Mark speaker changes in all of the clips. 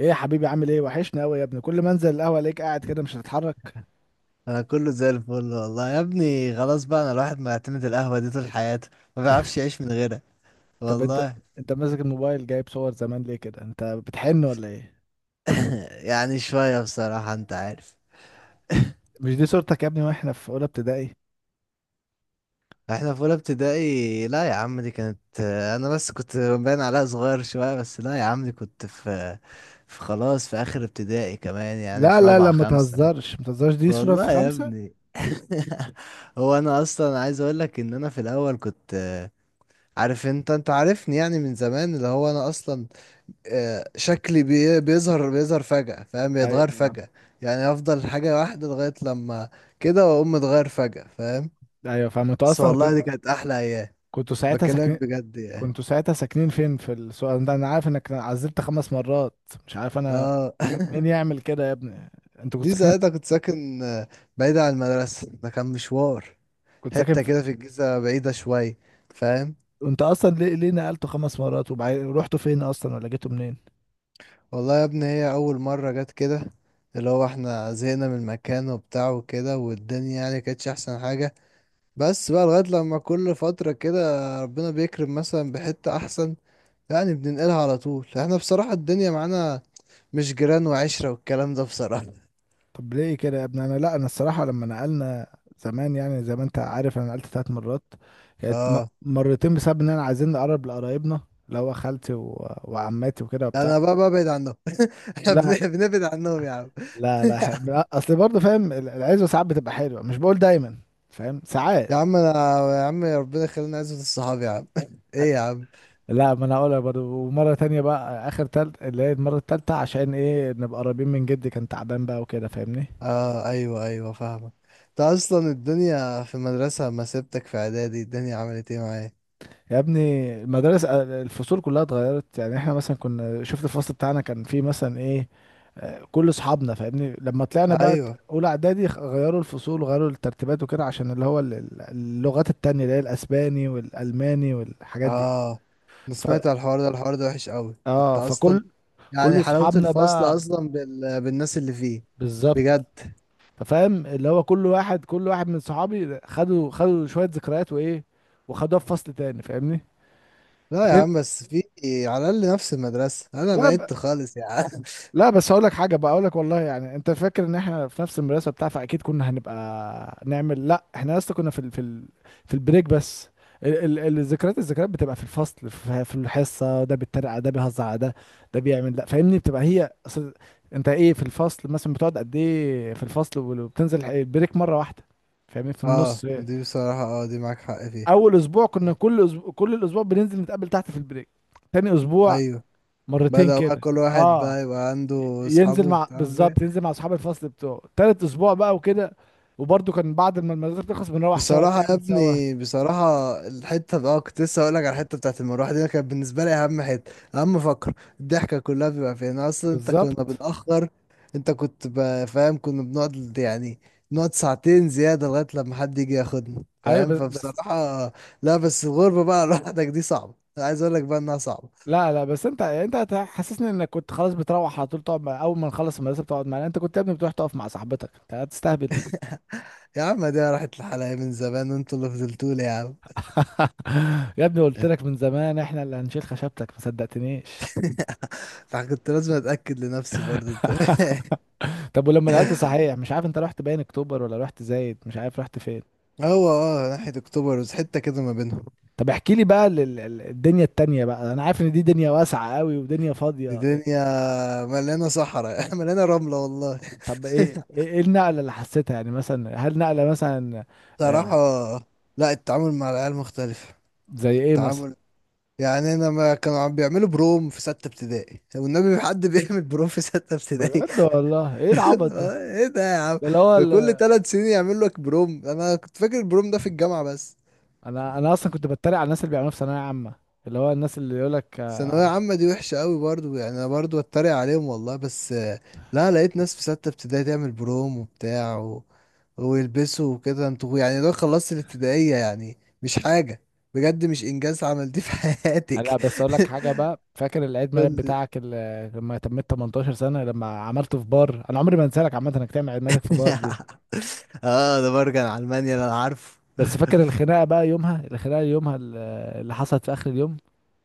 Speaker 1: ايه يا حبيبي، عامل ايه؟ وحشني قوي يا ابني. كل ما انزل القهوه الاقيك قاعد كده مش هتتحرك.
Speaker 2: انا كله زي الفل والله يا ابني. خلاص بقى، انا الواحد معتمد القهوة دي طول حياته، ما بيعرفش يعيش من غيرها.
Speaker 1: طب انت،
Speaker 2: والله.
Speaker 1: انت ماسك الموبايل جايب صور زمان ليه كده؟ انت بتحن ولا ايه؟
Speaker 2: يعني شوية، بصراحة انت عارف.
Speaker 1: مش دي صورتك يا ابني واحنا في اولى ابتدائي؟
Speaker 2: احنا في اولى ابتدائي؟ لا يا عم، دي كانت انا بس كنت باين عليها صغير شوية، بس لا يا عم، دي كنت في في خلاص، في اخر ابتدائي كمان، يعني
Speaker 1: لا
Speaker 2: في
Speaker 1: لا لا،
Speaker 2: رابعة
Speaker 1: ما
Speaker 2: خمسة.
Speaker 1: تهزرش ما تهزرش، دي صوره في
Speaker 2: والله يا
Speaker 1: خمسة.
Speaker 2: ابني. هو انا اصلا عايز اقول لك ان انا في الاول كنت عارف انت، انت عارفني يعني من زمان، اللي هو انا اصلا شكلي بيظهر فجأة، فاهم؟ بيتغير
Speaker 1: ايوه
Speaker 2: فجأة، يعني افضل حاجة واحدة لغاية لما كده واقوم متغير فجأة، فاهم؟
Speaker 1: ايوه فاهم، انتوا
Speaker 2: بس
Speaker 1: اصلا
Speaker 2: والله دي كانت احلى ايام.
Speaker 1: كنتوا ساعتها
Speaker 2: بكلمك
Speaker 1: ساكنين
Speaker 2: بجد يعني.
Speaker 1: كنتوا ساعتها ساكنين فين؟ في السؤال ده انا عارف انك عزلت خمس مرات، مش عارف انا
Speaker 2: اه.
Speaker 1: مين يعمل كده يا ابني. انت كنت
Speaker 2: دي
Speaker 1: ساكنين،
Speaker 2: ساعتها كنت ساكن بعيد عن المدرسة، ده كان مشوار.
Speaker 1: كنت ساكن
Speaker 2: حتة
Speaker 1: في،
Speaker 2: كده في الجيزة بعيدة شوية، فاهم؟
Speaker 1: انت اصلا ليه نقلتوا خمس مرات؟ وبعدين رحتوا فين اصلا ولا جيتوا منين؟
Speaker 2: والله يا ابني، هي اول مرة جت كده اللي هو احنا زهقنا من المكان وبتاع وكده، والدنيا يعني كانتش احسن حاجة. بس بقى لغاية لما كل فترة كده ربنا بيكرم مثلا بحتة أحسن، يعني بننقلها على طول. احنا بصراحة الدنيا معانا مش جيران وعشرة والكلام ده، بصراحة.
Speaker 1: طب ليه كده يا ابني؟ انا لا، انا الصراحه لما نقلنا زمان، يعني زي ما انت عارف انا نقلت ثلاث مرات، كانت
Speaker 2: اه.
Speaker 1: مرتين بسبب ان انا عايزين نقرب لقرايبنا، اللي هو خالتي وعماتي وكده
Speaker 2: لا
Speaker 1: وبتاع.
Speaker 2: انا بقى ببعد عنهم. احنا
Speaker 1: لا
Speaker 2: بنبعد عنهم يا عم.
Speaker 1: لا لا، لا اصل برضه فاهم العزوه ساعات بتبقى حلوه، مش بقول دايما فاهم، ساعات.
Speaker 2: يا عم انا، يا عم ربنا يخلينا عزوة الصحاب يا عم. ايه يا عم.
Speaker 1: لا ما انا هقولها برضه، ومره تانية بقى اخر تالت، اللي هي المره التالتة، عشان ايه؟ نبقى قريبين من جدي، كان تعبان بقى وكده فاهمني.
Speaker 2: اه ايوه ايوه فاهمك. انت اصلا الدنيا في المدرسة، ما سبتك في اعدادي الدنيا عملت ايه معايا؟
Speaker 1: يا ابني المدارس الفصول كلها اتغيرت. يعني احنا مثلا كنا شفت الفصل بتاعنا كان فيه مثلا ايه؟ كل اصحابنا فاهمني. لما طلعنا بقى
Speaker 2: ايوه.
Speaker 1: اولى اعدادي غيروا الفصول وغيروا الترتيبات وكده عشان اللي هو اللغات التانية، اللي هي الاسباني والالماني والحاجات دي.
Speaker 2: اه انا
Speaker 1: ف
Speaker 2: سمعت على الحوار ده، الحوار ده وحش قوي. انت
Speaker 1: اه
Speaker 2: اصلا
Speaker 1: فكل
Speaker 2: يعني
Speaker 1: كل
Speaker 2: حلاوة
Speaker 1: اصحابنا
Speaker 2: الفصل
Speaker 1: بقى
Speaker 2: أصلا بالناس اللي فيه،
Speaker 1: بالظبط.
Speaker 2: بجد.
Speaker 1: ففاهم اللي هو كل واحد، من صحابي خدوا شوية ذكريات وايه، وخدوها في فصل تاني فاهمني.
Speaker 2: لا يا
Speaker 1: بين-
Speaker 2: عم، بس في على الأقل نفس المدرسة، أنا
Speaker 1: لا
Speaker 2: بعدت خالص يا عم.
Speaker 1: لا، بس هقول لك حاجه بقى، اقول لك والله، يعني انت فاكر ان احنا في نفس المدرسه بتاع فاكيد كنا هنبقى نعمل؟ لا، احنا لسه كنا في في البريك بس. الذكريات، بتبقى في الفصل، في الحصه، ده بيتريق على ده، بيهزر على ده، ده بيعمل، لا فاهمني، بتبقى هي اصل. انت ايه، في الفصل مثلا بتقعد قد ايه؟ في الفصل وبتنزل البريك مره واحده فاهمني، في النص.
Speaker 2: اه دي بصراحة، اه دي معاك حق فيها.
Speaker 1: اول اسبوع كنا كل أسبوع، كل الاسبوع بننزل نتقابل تحت في البريك. تاني اسبوع
Speaker 2: أيوه.
Speaker 1: مرتين
Speaker 2: بدأ بقى
Speaker 1: كده.
Speaker 2: كل واحد
Speaker 1: اه،
Speaker 2: بقى يبقى عنده
Speaker 1: ينزل
Speaker 2: أصحابه
Speaker 1: مع،
Speaker 2: بتاع.
Speaker 1: بالظبط، ينزل مع اصحاب الفصل بتوعه. تالت اسبوع بقى وكده، وبرده كان بعد ما المدرسه بتخلص بنروح سوا،
Speaker 2: بصراحة يا
Speaker 1: بنعمل سوا.
Speaker 2: ابني، بصراحة الحتة بقى كنت لسه هقولك على الحتة بتاعت المروحة دي، أنا كانت بالنسبة لي أهم حتة، أهم فقرة الضحكة كلها بيبقى فيها. أنا أصلا أنت كنا
Speaker 1: بالظبط.
Speaker 2: بنأخر، أنت كنت فاهم؟ كنا بنقعد يعني نقعد ساعتين زيادة لغاية لما حد يجي ياخدنا،
Speaker 1: ايوه،
Speaker 2: فاهم؟
Speaker 1: بس،
Speaker 2: فبصراحة. لا بس الغربة بقى لوحدك دي صعبة، أنا عايز أقولك بقى إنها صعبة.
Speaker 1: لا لا، بس انت، حسسني انك كنت خلاص بتروح على طول تقعد مع، اول ما نخلص المدرسه بتقعد معانا؟ انت كنت يا ابني بتروح تقف مع صاحبتك، انت هتستهبل.
Speaker 2: يا عم دي راحت لحالها من زمان، وأنتوا اللي فضلتولي يا عم.
Speaker 1: يا ابني قلت لك من زمان احنا اللي هنشيل خشبتك، ما صدقتنيش.
Speaker 2: فكنت لازم أتأكد لنفسي برضه، أنت فاهم؟
Speaker 1: طب ولما نقلت صحيح مش عارف، انت رحت باين اكتوبر ولا رحت زايد؟ مش عارف رحت فين.
Speaker 2: هو اه ناحية اكتوبر، بس حتة كده ما بينهم.
Speaker 1: طب احكي لي بقى الدنيا التانية بقى، انا عارف ان دي دنيا واسعة قوي ودنيا فاضية إيه.
Speaker 2: الدنيا مليانة صحراء مليانة رملة والله.
Speaker 1: طب ايه، إيه النقلة اللي حسيتها يعني؟ مثلا هل نقلة مثلا
Speaker 2: صراحة
Speaker 1: آه،
Speaker 2: لا، التعامل مع العيال مختلف.
Speaker 1: زي ايه مثلا؟
Speaker 2: التعامل يعني انا، ما كانوا عم بيعملوا بروم في ستة ابتدائي والنبي؟ في حد بيعمل بروم في ستة ابتدائي؟
Speaker 1: بجد والله، ايه العبط ده؟
Speaker 2: ايه ده يا عم؟
Speaker 1: ده اللي هو
Speaker 2: كل ثلاث سنين يعمل لك بروم؟ انا كنت فاكر البروم ده في الجامعة بس.
Speaker 1: انا اصلا كنت بتريق على الناس اللي بيعملوها في ثانوية عامة، اللي هو الناس اللي يقول لك.
Speaker 2: ثانوية عامة دي وحشة قوي برضو، يعني أنا برضو أتريق عليهم والله، بس لا لقيت ناس في ستة ابتدائي تعمل بروم وبتاع و... ويلبسوا وكده. انتوا يعني لو خلصت الابتدائية يعني مش حاجة بجد، مش إنجاز عملتيه في
Speaker 1: انا
Speaker 2: حياتك.
Speaker 1: بس اقول لك حاجة بقى، فاكر العيد ميلاد
Speaker 2: قول لي.
Speaker 1: بتاعك اللي لما تميت 18 سنة لما عملته في بار؟ انا عمري ما انسى لك عامة انك تعمل عيد ميلادك في بار دي.
Speaker 2: اه، ده برجع على ألمانيا أنا عارفه.
Speaker 1: بس فاكر الخناقة بقى يومها؟ الخناقة يومها اللي حصلت في اخر اليوم.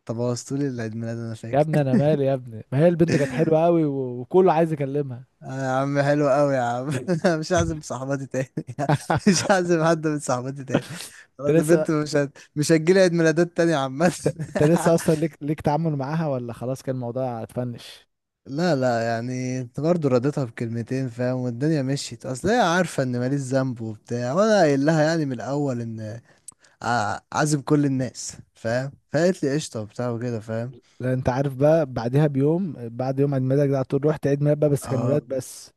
Speaker 2: طب بوظتولي العيد ميلاد أنا
Speaker 1: يا
Speaker 2: فاكر.
Speaker 1: ابني انا مالي يا ابني، ما هي البنت كانت حلوه قوي وكله عايز يكلمها.
Speaker 2: آه يا عم حلو قوي يا عم. مش هعزم صاحباتي تاني. مش هعزم حد من صاحباتي تاني.
Speaker 1: انت
Speaker 2: خلاص
Speaker 1: لسه
Speaker 2: البنت مش هتجيلي عيد ميلادات تاني يا عم.
Speaker 1: انت لسه اصلا ليك تعامل معاها، ولا خلاص كان الموضوع اتفنش؟
Speaker 2: لا لا، يعني انت برضه رديتها بكلمتين، فاهم؟ والدنيا مشيت. اصل هي عارفه ان ماليش ذنب وبتاع، وانا قايل لها يعني من الاول ان عازم كل الناس، فاهم؟ فقالت لي قشطه وبتاع وكده، فاهم؟
Speaker 1: لا انت عارف بقى بعدها بيوم، بعد يوم عيد ميلادك ده على طول رحت عيد ميلاد بقى، بس كان
Speaker 2: اه
Speaker 1: ولاد بس.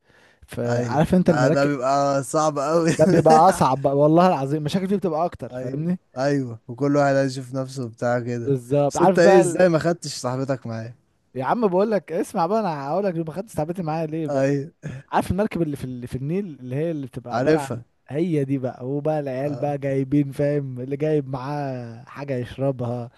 Speaker 2: ايوه،
Speaker 1: فعارف انت
Speaker 2: ده
Speaker 1: المراكب؟
Speaker 2: بيبقى صعب قوي.
Speaker 1: ده بيبقى اصعب بقى والله العظيم، مشاكل فيه بتبقى اكتر
Speaker 2: ايوه
Speaker 1: فاهمني.
Speaker 2: ايوه، وكل واحد عايز يشوف نفسه بتاع كده.
Speaker 1: بالظبط.
Speaker 2: بس
Speaker 1: عارف
Speaker 2: انت ايه،
Speaker 1: بقى
Speaker 2: ازاي ما خدتش صاحبتك معايا؟
Speaker 1: يا عم بقول لك، اسمع بقى، انا هقول لك ما خدتش تعبتي معايا ليه بقى.
Speaker 2: ايوه.
Speaker 1: عارف المركب اللي في النيل اللي هي اللي بتبقى عبارة عن،
Speaker 2: عارفها.
Speaker 1: هي دي بقى. هو بقى العيال
Speaker 2: اه.
Speaker 1: بقى جايبين فاهم، اللي جايب معاه حاجة يشربها،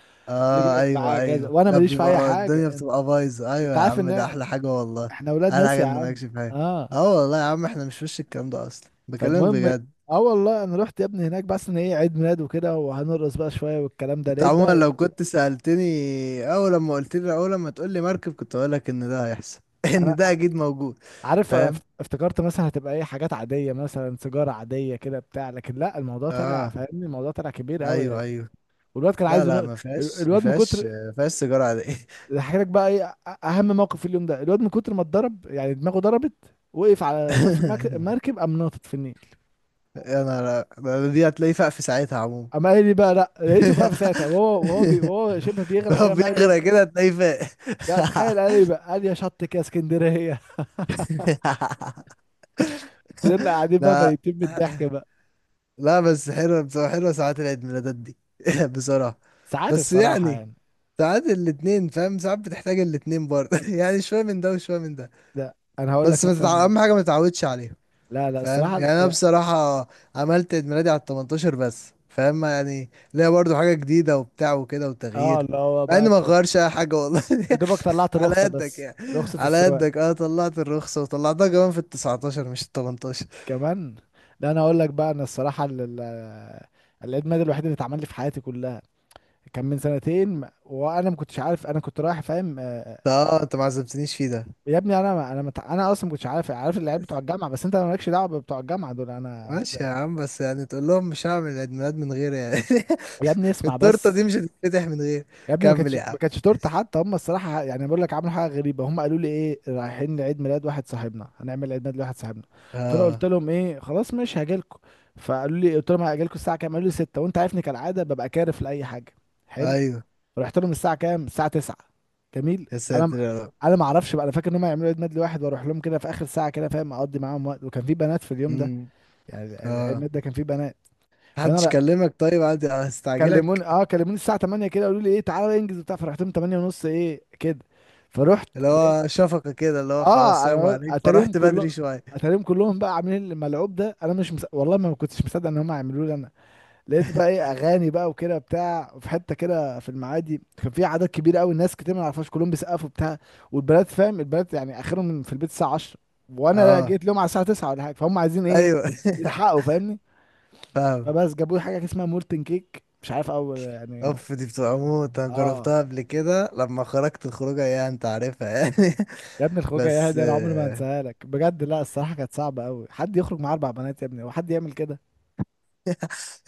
Speaker 1: اللي
Speaker 2: اه
Speaker 1: جايب معاه
Speaker 2: ايوه
Speaker 1: كذا،
Speaker 2: ايوه،
Speaker 1: وانا
Speaker 2: ده
Speaker 1: ماليش في اي
Speaker 2: بيبقى
Speaker 1: حاجة.
Speaker 2: الدنيا
Speaker 1: انت،
Speaker 2: بتبقى بايظه.
Speaker 1: أنت
Speaker 2: ايوه يا
Speaker 1: عارف
Speaker 2: عم، ده
Speaker 1: ان
Speaker 2: احلى حاجه والله.
Speaker 1: احنا اولاد
Speaker 2: احلى
Speaker 1: ناس
Speaker 2: حاجه
Speaker 1: يا
Speaker 2: ان
Speaker 1: عم.
Speaker 2: مالكش فيها.
Speaker 1: اه.
Speaker 2: اه والله يا عم، احنا مش وش الكلام ده اصلا، بكلمك
Speaker 1: فالمهم،
Speaker 2: بجد.
Speaker 1: اه والله انا رحت يا ابني هناك بس ان ايه، عيد ميلاد وكده وهنرقص بقى شوية والكلام ده،
Speaker 2: انت
Speaker 1: لقيت
Speaker 2: عموما لو
Speaker 1: بقى.
Speaker 2: كنت سألتني اول لما قلت لي، اول لما تقول لي مركب كنت اقول لك ان ده هيحصل، ان
Speaker 1: انا
Speaker 2: ده اكيد موجود.
Speaker 1: عارف، أنا
Speaker 2: فاهم.
Speaker 1: افتكرت مثلا هتبقى ايه، حاجات عادية مثلا سيجارة عادية كده بتاع، لكن لا الموضوع طلع
Speaker 2: اه
Speaker 1: فاهمني، الموضوع طلع كبير قوي
Speaker 2: ايوه
Speaker 1: يعني.
Speaker 2: ايوه.
Speaker 1: والواد كان
Speaker 2: لا
Speaker 1: عايز
Speaker 2: لا، ما فيهاش ما
Speaker 1: الواد من
Speaker 2: فيهاش
Speaker 1: كتر،
Speaker 2: ما فيهاش سيجاره عاديه.
Speaker 1: هحكي لك بقى ايه اهم موقف في اليوم ده. الواد من كتر ما اتضرب يعني دماغه ضربت، وقف على طرف المركب، قام ناطط في النيل.
Speaker 2: يا نهار أبيض! دي هتلاقيه فاق في ساعتها عموما.
Speaker 1: قام قال لي بقى، لا لقيته بقى في ساعتها وهو، وهو بي وهو شبه بيغرق
Speaker 2: هو
Speaker 1: كده قام قال لي.
Speaker 2: بيغرق كده هتلاقيه فاق.
Speaker 1: لا تخيل، قال لي بقى، قال لي يا شط كده اسكندريه. فضلنا قاعدين بقى
Speaker 2: لا
Speaker 1: ميتين من الضحك بقى.
Speaker 2: لا بس حلوة، بصراحة حلوة ساعات العيد ميلادات دي. بصراحة.
Speaker 1: ساعات
Speaker 2: بس
Speaker 1: الصراحه
Speaker 2: يعني
Speaker 1: يعني.
Speaker 2: ساعات الاتنين فاهم، ساعات بتحتاج الاتنين برضه، يعني شوية من ده وشوية من ده.
Speaker 1: لا انا هقول لك
Speaker 2: بس ما تتع...
Speaker 1: مثلا،
Speaker 2: أهم حاجة ما تتعودش عليهم،
Speaker 1: لا لا
Speaker 2: فاهم؟
Speaker 1: الصراحه لا،
Speaker 2: يعني انا
Speaker 1: لا.
Speaker 2: بصراحة عملت عيد ميلادي على ال 18 بس، فاهم؟ يعني ليا برضو حاجة جديدة وبتاع وكده
Speaker 1: اه
Speaker 2: وتغيير،
Speaker 1: اللي هو
Speaker 2: مع
Speaker 1: بقى
Speaker 2: اني ما
Speaker 1: انت،
Speaker 2: غيرش اي حاجة والله.
Speaker 1: يا دوبك طلعت
Speaker 2: على
Speaker 1: الرخصه
Speaker 2: قدك
Speaker 1: بس،
Speaker 2: يعني.
Speaker 1: رخصه
Speaker 2: على
Speaker 1: السواق،
Speaker 2: قدك. اه طلعت الرخصة، وطلعتها كمان في ال 19 مش ال 18.
Speaker 1: كمان. لا انا هقول لك بقى، انا الصراحه العيد ميلاد الوحيد اللي اتعمل لي في حياتي كلها كان من سنتين، وانا ما كنتش عارف، انا كنت رايح فاهم
Speaker 2: ده اه انت ما عزمتنيش فيه ده.
Speaker 1: يا ابني انا ما، انا اصلا ما كنتش عارف، عارف العيال بتوع الجامعه بس انت مالكش دعوه بتوع الجامعه دول انا
Speaker 2: ماشي
Speaker 1: ده.
Speaker 2: يا عم، بس يعني تقول لهم مش هعمل عيد ميلاد من غير يعني،
Speaker 1: يا ابني اسمع
Speaker 2: التورتة
Speaker 1: بس،
Speaker 2: دي مش هتتفتح من غير.
Speaker 1: يا ابني ما
Speaker 2: كمل
Speaker 1: كانتش،
Speaker 2: يا عم.
Speaker 1: تورته حتى هم الصراحه يعني، بقول لك عملوا حاجه غريبه، هم قالوا لي ايه، رايحين لعيد ميلاد واحد صاحبنا، هنعمل عيد ميلاد لواحد صاحبنا. فانا قلت
Speaker 2: اه.
Speaker 1: لهم ايه، خلاص ماشي هاجي لكم. فقالوا لي، قلت لهم هاجي لكم الساعه كام؟ قالوا لي 6، وانت عارفني كالعاده ببقى كارف لاي حاجه. حلو،
Speaker 2: ايوه.
Speaker 1: رحت لهم الساعه كام؟ الساعه 9. جميل.
Speaker 2: يا
Speaker 1: انا م-
Speaker 2: ساتر يا رب.
Speaker 1: انا ما اعرفش بقى انا فاكر ان هم يعملوا عيد ميلاد لواحد واروح لهم كده في اخر ساعه كده فاهم، اقضي معاهم وقت، وكان في بنات في اليوم ده،
Speaker 2: امم.
Speaker 1: يعني العيد
Speaker 2: اه.
Speaker 1: ميلاد ده كان في بنات. فانا
Speaker 2: محدش
Speaker 1: ر-
Speaker 2: كلمك طيب، عادي
Speaker 1: كلموني،
Speaker 2: هستعجلك.
Speaker 1: اه كلموني الساعه 8 كده، قالوا لي ايه تعالى انجز وبتاع، فرحت لهم 8 ونص ايه كده. فرحت
Speaker 2: اللي
Speaker 1: لقيت،
Speaker 2: هو شفقة كده، اللي هو خلاص
Speaker 1: اه
Speaker 2: سلام
Speaker 1: انا
Speaker 2: عليك
Speaker 1: اتاريهم
Speaker 2: فرحت
Speaker 1: كلهم،
Speaker 2: بدري شوية.
Speaker 1: اتاريهم كلهم بقى عاملين الملعوب ده. انا مش والله ما كنتش مصدق ان هم هيعملوا لي انا. لقيت بقى ايه، اغاني بقى وكده بتاع في حته كده في المعادي، كان في عدد كبير قوي، الناس كتير ما نعرفهاش، كلهم بيسقفوا بتاع. والبنات فاهم البنات يعني اخرهم في البيت الساعه 10، وانا
Speaker 2: اه
Speaker 1: جيت لهم على الساعه 9 ولا حاجه، فهم عايزين ايه؟
Speaker 2: ايوه.
Speaker 1: يلحقوا فاهمني.
Speaker 2: فاهم.
Speaker 1: فبس جابوا لي حاجه اسمها مولتن كيك، مش عارف اول يعني.
Speaker 2: اوف دي بتبقى موت، انا
Speaker 1: اه،
Speaker 2: جربتها قبل كده لما خرجت الخروجة ايه، انت عارفها يعني.
Speaker 1: يا ابني الخروجه يا
Speaker 2: بس
Speaker 1: هادي انا عمري ما هنساها لك بجد. لا الصراحه كانت صعبه قوي، حد يخرج مع اربع بنات يا ابني وحد يعمل كده؟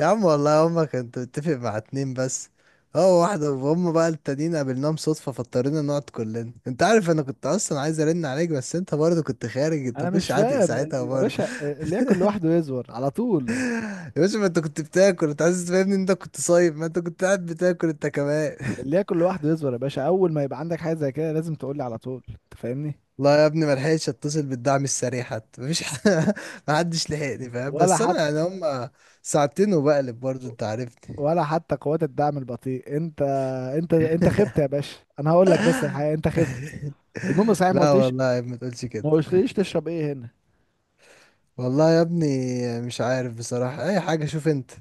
Speaker 2: يا عم والله هما كنت متفق مع اتنين بس، هو واحدة وهم بقى التانيين قابلناهم صدفة فاضطرينا نقعد كلنا. انت عارف انا كنت اصلا عايز ارن عليك، بس انت برضه كنت خارج، انت
Speaker 1: انا مش
Speaker 2: مكنتش عاتق
Speaker 1: فاهم
Speaker 2: ساعتها
Speaker 1: يا
Speaker 2: برضه.
Speaker 1: باشا، اللي ياكل لوحده يزور على طول،
Speaker 2: يا باشا ما انت كنت بتاكل، انت عايز تفهمني ان انت كنت صايم؟ ما انت كنت قاعد بتاكل انت كمان.
Speaker 1: اللي ياكل لوحده يصبر يا باشا، اول ما يبقى عندك حاجه زي كده لازم تقول لي على طول انت فاهمني.
Speaker 2: لا يا ابني ما لحقتش اتصل بالدعم السريع حتى، مفيش ما حدش لحقني، فاهم؟
Speaker 1: ولا
Speaker 2: بس انا
Speaker 1: حتى،
Speaker 2: يعني هم ساعتين وبقلب برضه، انت عارفني.
Speaker 1: قوات الدعم البطيء. انت انت خبت يا باشا، انا هقول لك بس الحقيقه، انت خبت. المهم صحيح ما
Speaker 2: لا
Speaker 1: قلتليش،
Speaker 2: والله يا ابني ما تقولش كده.
Speaker 1: تشرب ايه هنا؟
Speaker 2: والله يا ابني مش عارف بصراحة اي حاجة، شوف انت،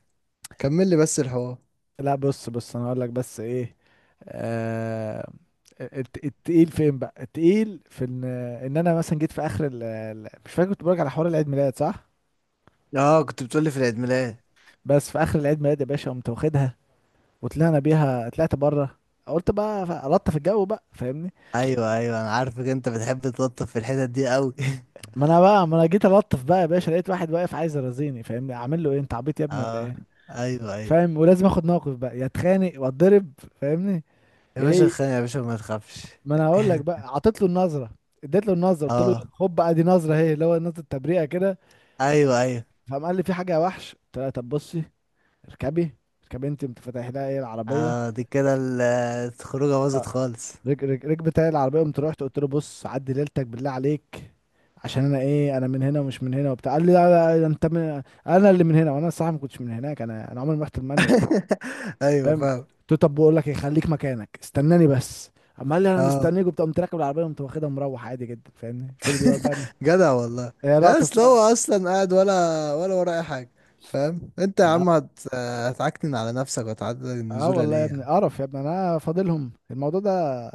Speaker 2: كمل لي بس الحوار.
Speaker 1: لا بص، انا هقول لك بس ايه. آه... التقيل فين بقى؟ التقيل في ان، انا مثلا جيت في اخر مش فاكر، كنت بقولك على حوار العيد ميلاد صح.
Speaker 2: اه كنت بتقولي في العيد ميلاد.
Speaker 1: بس في اخر العيد ميلاد يا باشا قمت واخدها وطلعنا بيها، طلعت بره قلت بقى لطف الجو بقى فاهمني.
Speaker 2: ايوه ايوه انا عارفك، انت بتحب تلطف في الحتت دي قوي.
Speaker 1: ما انا بقى، ما انا جيت الطف بقى يا باشا، لقيت واحد واقف عايز يرازيني فاهمني، اعمل له ايه؟ انت عبيط يا ابني ولا
Speaker 2: اه
Speaker 1: ايه؟
Speaker 2: ايوه ايوه.
Speaker 1: فاهم، ولازم اخد موقف بقى، يا اتخانق واتضرب فاهمني.
Speaker 2: يا باشا
Speaker 1: ايه،
Speaker 2: خان، يا باشا ما تخافش.
Speaker 1: ما انا هقول لك بقى، عطيت له النظره، اديت له النظره، قلت له
Speaker 2: اه
Speaker 1: خد بقى دي نظره اهي، اللي هو نظره تبريئه كده.
Speaker 2: ايوه ايوه.
Speaker 1: فقام قال لي في حاجه يا وحش، قلت له طب بصي اركبي، انت، انت فاتح لها ايه العربيه.
Speaker 2: اه دي كده الخروجه باظت خالص.
Speaker 1: ركبت علي العربيه، قمت رحت قلت له بص عدي ليلتك بالله عليك، عشان انا ايه، انا من هنا ومش من هنا وبتاع، قال لي لا لا لا، انت من انا اللي من هنا، وانا الصراحه ما كنتش من هناك، انا عمري ما رحت المانيا
Speaker 2: ايوه
Speaker 1: فاهم.
Speaker 2: فاهم.
Speaker 1: قلت له طب بقول لك ايه، خليك مكانك استناني بس. اما قال لي انا
Speaker 2: اه.
Speaker 1: مستنيك وبتاع، قمت راكب العربيه قمت واخدها مروح عادي جدا فاهمني. فضل بقى
Speaker 2: جدع والله.
Speaker 1: هي
Speaker 2: لا
Speaker 1: لقطه
Speaker 2: اصل هو
Speaker 1: الصراحه.
Speaker 2: اصلا قاعد ولا، ولا وراه اي حاجه؟ فاهم انت يا
Speaker 1: اه،
Speaker 2: عم، هتعكنن على نفسك وتعدل
Speaker 1: آه
Speaker 2: النزوله
Speaker 1: والله يا
Speaker 2: ليه
Speaker 1: ابني
Speaker 2: يعني؟
Speaker 1: قرف، يا ابني انا فاضلهم الموضوع ده،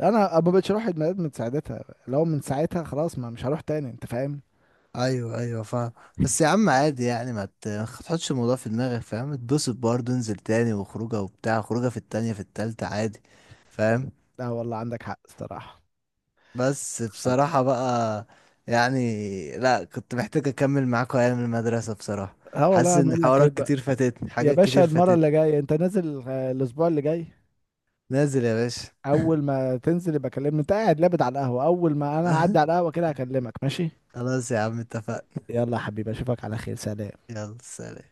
Speaker 1: انا ما بقتش اروح عيد ميلاد من ساعتها. لو من ساعتها خلاص ما مش هروح تاني، انت فاهم.
Speaker 2: ايوه ايوه فاهم. بس يا عم عادي يعني، ما تحطش الموضوع في دماغك، فاهم؟ اتبسط برضه، انزل تاني وخروجه وبتاع، خروجه في التانية في التالتة عادي، فاهم؟
Speaker 1: لا والله عندك حق الصراحه.
Speaker 2: بس بصراحة بقى يعني لا، كنت محتاج أكمل معاكوا أيام المدرسة بصراحة.
Speaker 1: اه
Speaker 2: حاسس
Speaker 1: والله انا
Speaker 2: إن
Speaker 1: اقول لك ايه
Speaker 2: حوارات
Speaker 1: بقى،
Speaker 2: كتير فاتتني،
Speaker 1: يا
Speaker 2: حاجات
Speaker 1: باشا
Speaker 2: كتير
Speaker 1: المره
Speaker 2: فاتتني.
Speaker 1: اللي جايه انت نازل الاسبوع اللي جاي،
Speaker 2: نازل يا باشا.
Speaker 1: اول ما تنزل يبقى كلمني، انت قاعد لابد على القهوه، اول ما انا هعدي على القهوه كده هكلمك ماشي؟
Speaker 2: خلاص يا عم اتفقنا.
Speaker 1: يلا يا حبيبي اشوفك على خير، سلام.
Speaker 2: يلا سلام.